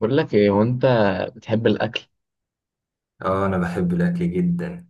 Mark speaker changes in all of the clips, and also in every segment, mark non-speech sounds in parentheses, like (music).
Speaker 1: بقول لك ايه. هو انت بتحب الاكل؟
Speaker 2: اه انا بحب الاكل جدا.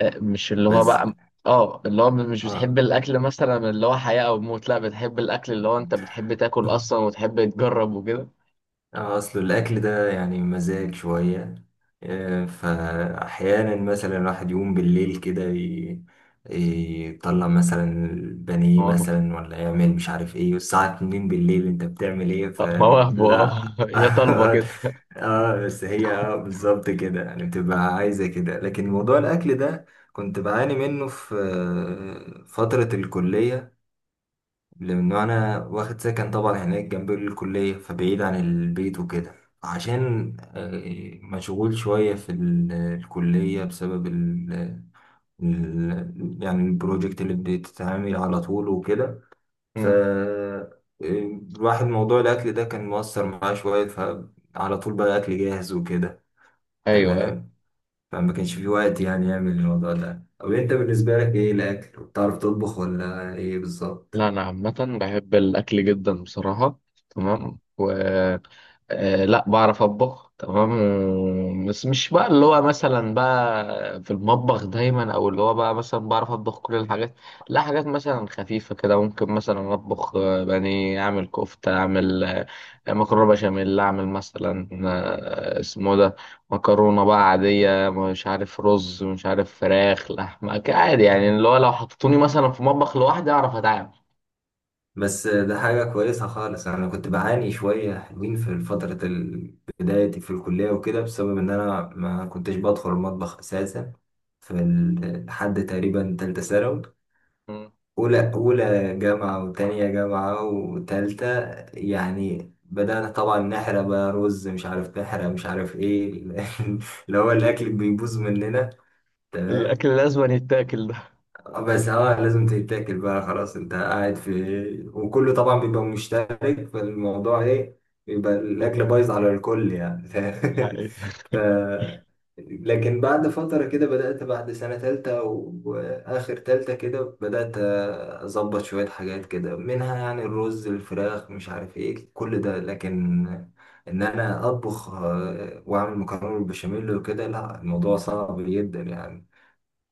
Speaker 1: مش اللي هو
Speaker 2: بس
Speaker 1: بقى. اه اللي هو مش بتحب
Speaker 2: اه
Speaker 1: الاكل مثلا اللي هو حياة او موت، لا بتحب الاكل اللي هو انت بتحب تاكل اصلا وتحب تجرب وكده.
Speaker 2: آه، اصل الاكل ده يعني مزاج شويه. فاحيانا مثلا الواحد يقوم بالليل كده يطلع مثلا البانيه
Speaker 1: مواهب.
Speaker 2: مثلا ولا يعمل مش عارف ايه والساعه 2 بالليل انت بتعمل ايه
Speaker 1: مواهب، اه.
Speaker 2: فلا.
Speaker 1: (laughs) يا طالبة
Speaker 2: (laughs)
Speaker 1: كده.
Speaker 2: اه بس هي اه بالظبط كده يعني بتبقى عايزه كده، لكن موضوع الاكل ده كنت بعاني منه في فتره الكليه، لأنه أنا واخد سكن طبعا هناك جنب الكلية فبعيد عن البيت وكده، عشان مشغول شوية في الكلية بسبب ال يعني البروجكت اللي بتتعامل على طول وكده. ف
Speaker 1: مم.
Speaker 2: آه، الواحد موضوع الأكل ده كان مؤثر معاه شوية، فعلى طول بقى أكل جاهز وكده.
Speaker 1: ايوه، أيوة.
Speaker 2: تمام. فما كانش في وقت يعني يعمل الموضوع ده. طب أنت بالنسبة لك إيه الأكل؟ بتعرف تطبخ ولا إيه بالظبط؟
Speaker 1: لا انا عامة بحب الاكل جدا بصراحة. تمام. آه، لا بعرف اطبخ، تمام. بس مش بقى اللي هو مثلا بقى في المطبخ دايما، او اللي هو بقى مثلا بعرف اطبخ كل الحاجات. لا، حاجات مثلا خفيفة كده، ممكن مثلا اطبخ بانيه، اعمل كفتة، اعمل مكرونة بشاميل، اعمل مثلا اسمه ده مكرونة بقى عادية، مش عارف رز، مش عارف فراخ، لحمة، عادي يعني. اللي هو لو حطوني مثلا في مطبخ لوحدي اعرف اتعامل.
Speaker 2: بس ده حاجة كويسة خالص. أنا كنت بعاني شوية حلوين في فترة بدايتي في الكلية وكده، بسبب إن أنا ما كنتش بدخل المطبخ أساسا في لحد تقريبا تالتة ثانوي.
Speaker 1: م.
Speaker 2: أولى جامعة وتانية جامعة وتالتة يعني بدأنا طبعا نحرق بقى رز مش عارف، نحرق مش عارف إيه. (laughs) اللي هو الأكل بيبوظ مننا. تمام.
Speaker 1: الاكل لازم يتاكل ده.
Speaker 2: بس اه لازم تتاكل بقى، خلاص انت قاعد في وكله طبعا بيبقى مشترك فالموضوع ايه، بيبقى الاكل
Speaker 1: (laughs)
Speaker 2: بايظ على الكل يعني. (laughs)
Speaker 1: حقيقة.
Speaker 2: ف... لكن بعد فترة كده بدأت، بعد سنة تالتة وآخر تالتة كده بدأت أظبط شوية حاجات كده، منها يعني الرز الفراخ مش عارف إيه كل ده، لكن إن أنا أطبخ وأعمل مكرونة بالبشاميل وكده لا، الموضوع صعب جدا يعني.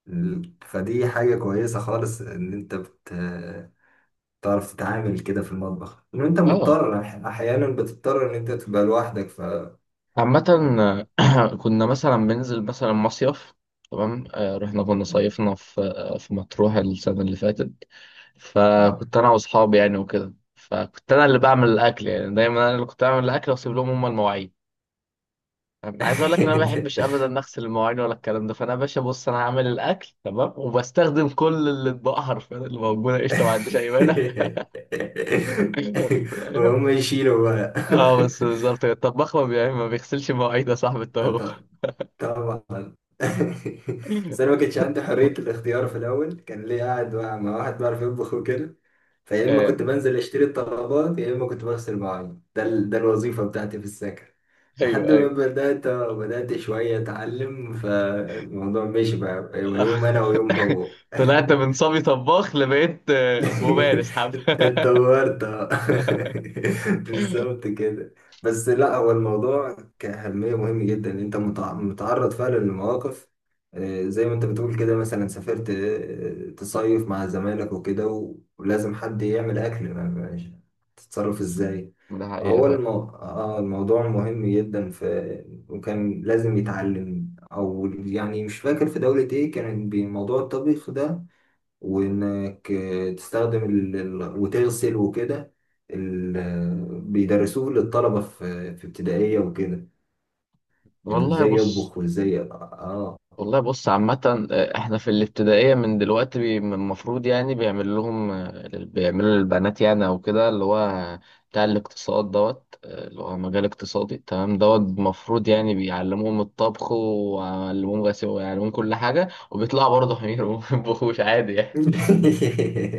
Speaker 2: فدي حاجة كويسة خالص إن تعرف تتعامل كده في المطبخ، إن أنت
Speaker 1: اه،
Speaker 2: مضطر أحيانا بتضطر إن أنت تبقى لوحدك ف.
Speaker 1: عامة. (clears throat) كنا مثلا بننزل مثلا مصيف، تمام. رحنا، كنا صيفنا في في مطروح السنة اللي فاتت. فكنت أنا وأصحابي يعني وكده، فكنت أنا اللي بعمل الأكل. يعني دايما أنا اللي كنت بعمل الأكل، وأسيب لهم هما المواعين. أنا عايز أقول لك إن أنا ما بحبش أبدا أغسل المواعين ولا الكلام ده. فأنا يا باشا، بص، أنا هعمل الأكل تمام، وبستخدم كل الأطباق حرفيا اللي موجودة، قشطة، ما عنديش أي مانع. (laughs)
Speaker 2: (laughs)
Speaker 1: فاهم؟
Speaker 2: وهم يشيلوا بقى.
Speaker 1: اه بس بالظبط الطباخ ما بيغسلش مواعيد يا صاحبي
Speaker 2: (laughs) أنت
Speaker 1: الطباخ.
Speaker 2: طبعا. (laughs) بس انا ما كانش عندي حريه الاختيار في الاول، كان ليه قاعد مع واحد بيعرف يطبخ وكده، فيا اما كنت
Speaker 1: (laughs)
Speaker 2: بنزل اشتري الطلبات يا اما كنت بغسل مواعين. ده الوظيفه بتاعتي في السكن
Speaker 1: ايوه
Speaker 2: لحد ما
Speaker 1: ايوه.
Speaker 2: بدات شويه اتعلم، فالموضوع ماشي بقى يوم انا ويوم
Speaker 1: (laughs)
Speaker 2: هو. (laughs)
Speaker 1: طلعت من صبي طباخ، لبقيت
Speaker 2: (laughs)
Speaker 1: ممارس حب. (laughs)
Speaker 2: اتطورت آه. (laughs) بالظبط كده. بس لا، هو الموضوع كأهمية مهم جدا، إن انت متعرض فعلا لمواقف زي ما انت بتقول كده، مثلا سافرت تصيف مع زمايلك وكده ولازم حد يعمل اكل مش- تتصرف ازاي.
Speaker 1: ده حقيقة
Speaker 2: هو
Speaker 1: فعلا.
Speaker 2: المو... آه الموضوع مهم جدا في، وكان لازم يتعلم. او يعني مش فاكر في دولة ايه كان بموضوع الطبيخ ده، وانك تستخدم وتغسل وكده. ال... آه، بيدرسوه للطلبة في في ابتدائية وكده، يعني
Speaker 1: والله
Speaker 2: ازاي
Speaker 1: بص.
Speaker 2: يطبخ وازاي اه.
Speaker 1: والله بص، عامة احنا في الابتدائية من دلوقتي من المفروض يعني بيعمل لهم بيعملوا للبنات يعني، او كده اللي هو بتاع الاقتصاد دوت اللي هو مجال اقتصادي، تمام، دوت المفروض يعني بيعلموهم الطبخ، ويعلموهم غسيل، ويعلموهم كل حاجة، وبيطلعوا برضه (laughs) حمير، وما بيطبخوش عادي يعني.
Speaker 2: (laughs)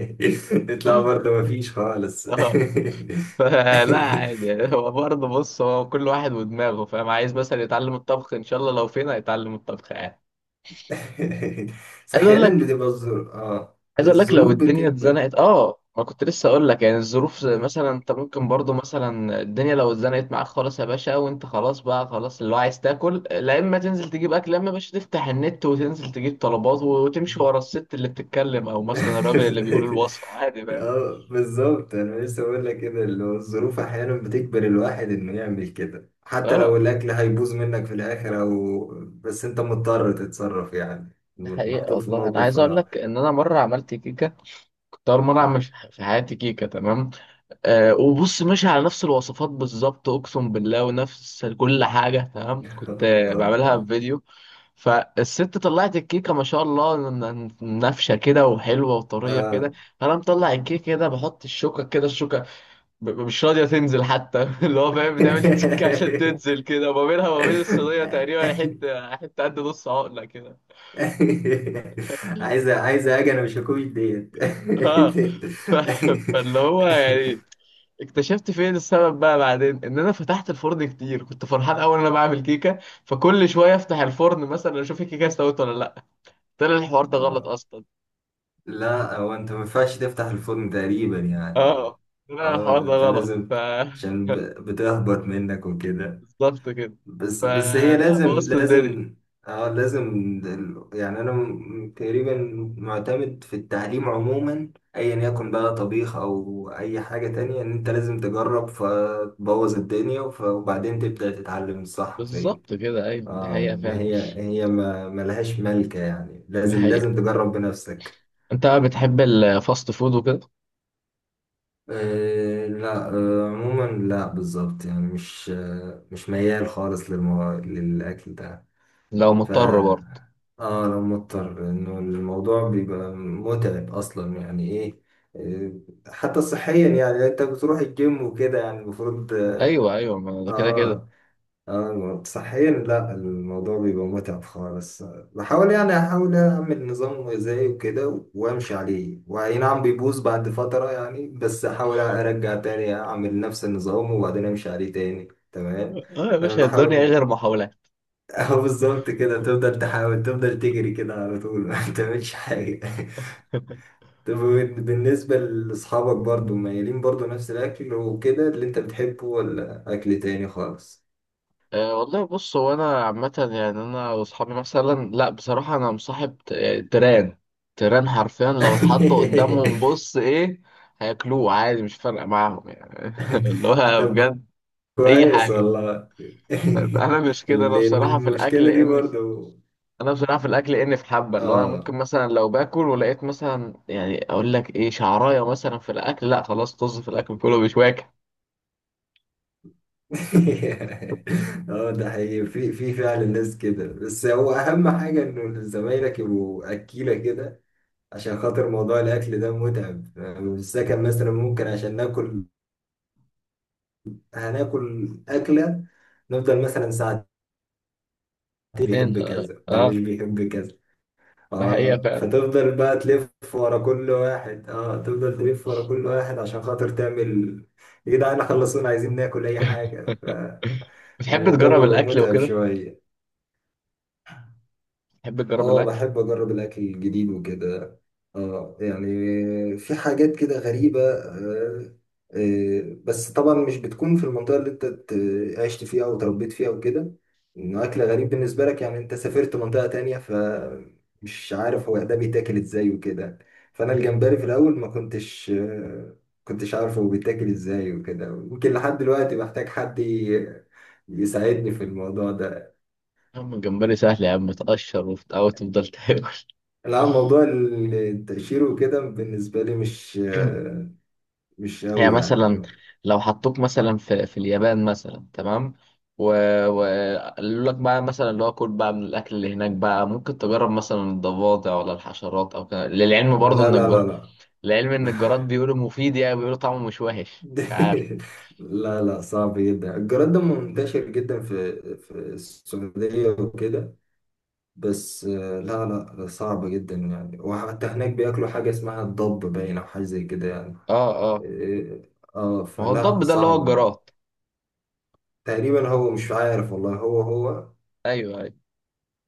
Speaker 2: يطلع
Speaker 1: (laughs)
Speaker 2: برضه مفيش خالص.
Speaker 1: اه،
Speaker 2: (laughs)
Speaker 1: فلا عادي يعني. هو برضه بص، هو كل واحد ودماغه، فاهم؟ عايز مثلا يتعلم الطبخ ان شاء الله لو فينا يتعلم الطبخ يعني.
Speaker 2: (laughs) بس
Speaker 1: عايز اقول لك،
Speaker 2: احيانا بتبقى الظروف، اه
Speaker 1: عايز اقول لك، لو
Speaker 2: الظروف
Speaker 1: الدنيا
Speaker 2: بتكبر.
Speaker 1: اتزنقت، اه، ما كنت لسه اقول لك يعني، الظروف، زي مثلا انت ممكن برضه مثلا، الدنيا لو اتزنقت معاك خالص يا باشا، وانت خلاص بقى، خلاص اللي هو عايز تاكل، لا اما تنزل تجيب اكل، لا اما يا باشا تفتح النت وتنزل تجيب طلبات، وتمشي ورا الست اللي بتتكلم او مثلا الراجل اللي بيقول
Speaker 2: (laughs)
Speaker 1: الوصفه، عادي، فاهم؟
Speaker 2: اه بالظبط، انا لسه بقول لك كده اللي هو الظروف احيانا بتجبر الواحد انه يعمل كده، حتى لو
Speaker 1: اه،
Speaker 2: الاكل هيبوظ منك في الاخر، او بس انت مضطر تتصرف يعني.
Speaker 1: ده حقيقة
Speaker 2: محطوط في
Speaker 1: والله. أنا
Speaker 2: موقف
Speaker 1: عايز أقول
Speaker 2: اه.
Speaker 1: لك إن أنا مرة عملت كيكة، طار. مرة مش في حياتي كيكة، تمام. آه، وبص، ماشي على نفس الوصفات بالظبط، أقسم بالله، ونفس كل حاجة تمام، كنت بعملها في
Speaker 2: (laughs)
Speaker 1: فيديو. فالست طلعت الكيكة ما شاء الله، نافشة كده وحلوة وطرية كده.
Speaker 2: اه.
Speaker 1: أنا مطلع الكيكة كده، بحط الشوكة كده، الشوكة مش راضية تنزل حتى. (laughs) اللي هو فاهم، بتعمل تك عشان تنزل كده، وما بينها وما بين الصينية تقريبا
Speaker 2: آه.
Speaker 1: حتة حتة قد نص عقلة كده.
Speaker 2: عايزه اجي انا مش هكوش ديت.
Speaker 1: اه، ف... فاللي هو يعني اكتشفت فين السبب بقى بعدين، ان انا فتحت الفرن كتير. كنت فرحان اول انا بعمل كيكه، فكل شويه افتح الفرن مثلا اشوف الكيكه استوت ولا لا. طلع الحوار ده غلط
Speaker 2: (laughs)
Speaker 1: اصلا.
Speaker 2: لا هو انت ما ينفعش تفتح الفرن تقريبا يعني.
Speaker 1: اه، طلع
Speaker 2: اه
Speaker 1: الحوار ده
Speaker 2: انت
Speaker 1: غلط
Speaker 2: لازم،
Speaker 1: ف.
Speaker 2: عشان
Speaker 1: (laughs)
Speaker 2: بتهبط منك وكده.
Speaker 1: بالظبط كده.
Speaker 2: بس هي
Speaker 1: فلا، بوظت الدنيا.
Speaker 2: لازم. اه لازم. يعني انا تقريبا معتمد في التعليم عموما، ايا يكن بقى طبيخ او اي حاجة تانية، ان انت لازم تجرب فتبوظ الدنيا وبعدين تبدأ تتعلم الصح فين.
Speaker 1: بالظبط كده، ايوه. دي
Speaker 2: اه
Speaker 1: حقيقه
Speaker 2: ما
Speaker 1: فعلا.
Speaker 2: هي ما ملهاش ملكة، يعني
Speaker 1: دي حقيقه.
Speaker 2: لازم تجرب بنفسك.
Speaker 1: انت بقى بتحب الفاست فود وكده؟
Speaker 2: لا. عموما لا بالظبط، يعني مش ميال خالص للأكل ده.
Speaker 1: لو
Speaker 2: ف
Speaker 1: مضطر برضه؟
Speaker 2: اه لو مضطر، انه الموضوع بيبقى متعب اصلا يعني ايه. حتى صحيا، يعني انت بتروح الجيم وكده يعني المفروض اه.
Speaker 1: ايوه ايوه، ما ده كده كده.
Speaker 2: آه، اه صحيا، لا الموضوع بيبقى متعب خالص. بحاول يعني احاول اعمل نظام غذائي وكده وامشي عليه، واي نعم بيبوظ بعد فترة يعني، بس احاول ارجع تاني اعمل نفس النظام وبعدين امشي عليه تاني. تمام.
Speaker 1: اه يا
Speaker 2: انا
Speaker 1: باشا الدنيا إيه
Speaker 2: بحاول.
Speaker 1: غير محاولات.
Speaker 2: (laughs) اهو بالظبط كده، تفضل تحاول تفضل تجري كده على طول. (laughs) ما تعملش حاجة. (laughs)
Speaker 1: (laughs)
Speaker 2: طب بالنسبة لاصحابك برضو مايلين برضو نفس الاكل وكده اللي انت بتحبه، ولا اكل تاني خالص؟
Speaker 1: أه والله بص، هو انا عامه يعني، انا واصحابي مثلا، لا بصراحه انا مصاحب تيران. تيران حرفيا، لو اتحط قدامهم
Speaker 2: (laughs)
Speaker 1: بص ايه هياكلوه عادي، مش فارقه معاهم يعني. (laughs) اللي
Speaker 2: (laughs)
Speaker 1: هو
Speaker 2: طب
Speaker 1: بجد اي
Speaker 2: كويس
Speaker 1: حاجه.
Speaker 2: والله.
Speaker 1: انا مش
Speaker 2: (laughs)
Speaker 1: كده.
Speaker 2: لأن المشكلة دي برضو
Speaker 1: انا بصراحه في الاكل اني في حبه، اللي هو انا ممكن
Speaker 2: اه.
Speaker 1: مثلا لو باكل ولقيت مثلا، يعني اقول لك ايه، شعرايه مثلا في الاكل، لا خلاص، طز في الاكل كله، مش واكل.
Speaker 2: (laughs) اه ده حقيقي، في فعلا ناس كده، بس هو أهم حاجة إنه زمايلك يبقوا أكيلة كده، عشان خاطر موضوع الأكل ده متعب يعني. في السكن مثلا ممكن عشان ناكل هناكل أكلة نفضل مثلا ساعتين،
Speaker 1: فين؟
Speaker 2: بيحب
Speaker 1: اه.
Speaker 2: كذا ده
Speaker 1: آه،
Speaker 2: مش بيحب.
Speaker 1: ده حقيقه
Speaker 2: اه
Speaker 1: فعلا.
Speaker 2: فتفضل بقى تلف ورا كل واحد، اه تفضل تلف ورا كل واحد عشان خاطر تعمل يا جدعان خلصونا عايزين ناكل اي حاجة.
Speaker 1: بتحب
Speaker 2: فالموضوع
Speaker 1: تجرب
Speaker 2: بيبقى
Speaker 1: الاكل
Speaker 2: متعب
Speaker 1: وكده؟
Speaker 2: شوية.
Speaker 1: بتحب تجرب
Speaker 2: اه
Speaker 1: الاكل؟
Speaker 2: بحب اجرب الاكل الجديد وكده. اه يعني في حاجات كده غريبة آه. آه بس طبعا مش بتكون في المنطقة اللي انت عشت فيها او تربيت فيها وكده، انه اكل غريب بالنسبة لك، يعني انت سافرت منطقة تانية فمش عارف هو ده بيتاكل ازاي وكده. فانا الجمبري في الاول ما كنتش عارف هو بيتاكل ازاي وكده، يمكن لحد دلوقتي بحتاج حد يساعدني في الموضوع ده.
Speaker 1: يا عم الجمبري سهل يا عم، تقشر وبتاع وتفضل تاكل. (laughs)
Speaker 2: لا موضوع التأشير وكده بالنسبة لي
Speaker 1: (clears throat)
Speaker 2: مش
Speaker 1: يعني
Speaker 2: قوي
Speaker 1: مثلا
Speaker 2: يعني.
Speaker 1: لو حطوك مثلا في اليابان مثلا، تمام، وقالوا لك بقى مثلا، اللي هو كل بقى من الاكل اللي هناك بقى، ممكن تجرب مثلا الضفادع، ولا الحشرات، او كده، للعلم
Speaker 2: لا
Speaker 1: برضه ان
Speaker 2: لا لا لا.
Speaker 1: للعلم ان الجراد بيقولوا مفيد، يعني بيقولوا طعمه مش وحش، مش
Speaker 2: (laughs)
Speaker 1: عارف.
Speaker 2: لا لا صعب جدا، الجراد ده منتشر جدا في السعودية وكده، بس لا. لا لا، صعب جدا يعني. وحتى هناك بياكلوا حاجة اسمها الضب باين، أو حاجة زي كده يعني.
Speaker 1: اه، اه،
Speaker 2: اه
Speaker 1: ما هو
Speaker 2: فلا
Speaker 1: الضب ده اللي هو
Speaker 2: صعب.
Speaker 1: الجراد.
Speaker 2: تقريبا هو مش عارف والله، هو
Speaker 1: ايوه ايوه.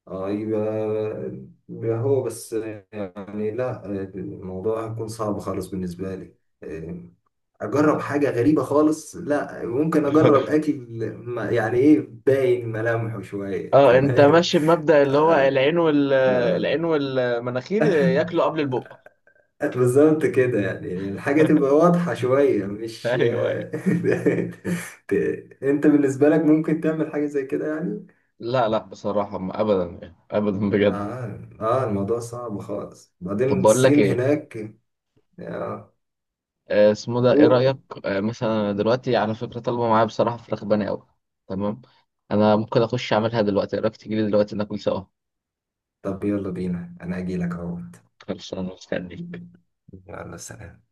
Speaker 2: اه. يبقى هو بس يعني، لا الموضوع هيكون صعب خالص بالنسبة لي. آه، أجرب حاجة غريبة خالص لا، ممكن أجرب
Speaker 1: (laughs)
Speaker 2: أكل يعني إيه، باين ملامحه شوية. (laughs)
Speaker 1: اه انت
Speaker 2: تمام.
Speaker 1: ماشي بمبدأ اللي هو
Speaker 2: آه،
Speaker 1: العين وال العين
Speaker 2: آه.
Speaker 1: والمناخير ياكلوا قبل البق.
Speaker 2: بالظبط كده يعني الحاجة تبقى واضحة شوية مش.
Speaker 1: ايوه ايوه.
Speaker 2: (laughs) ت- أنت بالنسبة لك ممكن تعمل حاجة زي كده يعني؟
Speaker 1: لا لا بصراحة، ما ابدا يعني، ابدا بجد.
Speaker 2: الموضوع صعب خالص،
Speaker 1: طب
Speaker 2: بعدين
Speaker 1: بقول لك
Speaker 2: الصين
Speaker 1: ايه،
Speaker 2: هناك. آه.
Speaker 1: اسمه ده، ايه رأيك؟
Speaker 2: أوه.
Speaker 1: مثلا أنا دلوقتي على فكرة طالبة معايا بصراحة فراخ بني قوي، تمام. انا ممكن اخش اعملها دلوقتي. ايه رأيك تيجي لي دلوقتي ناكل سوا؟
Speaker 2: طب يلا بينا، أنا أجيلك أهو.
Speaker 1: خلص انا مستنيك.
Speaker 2: يلا. سلام.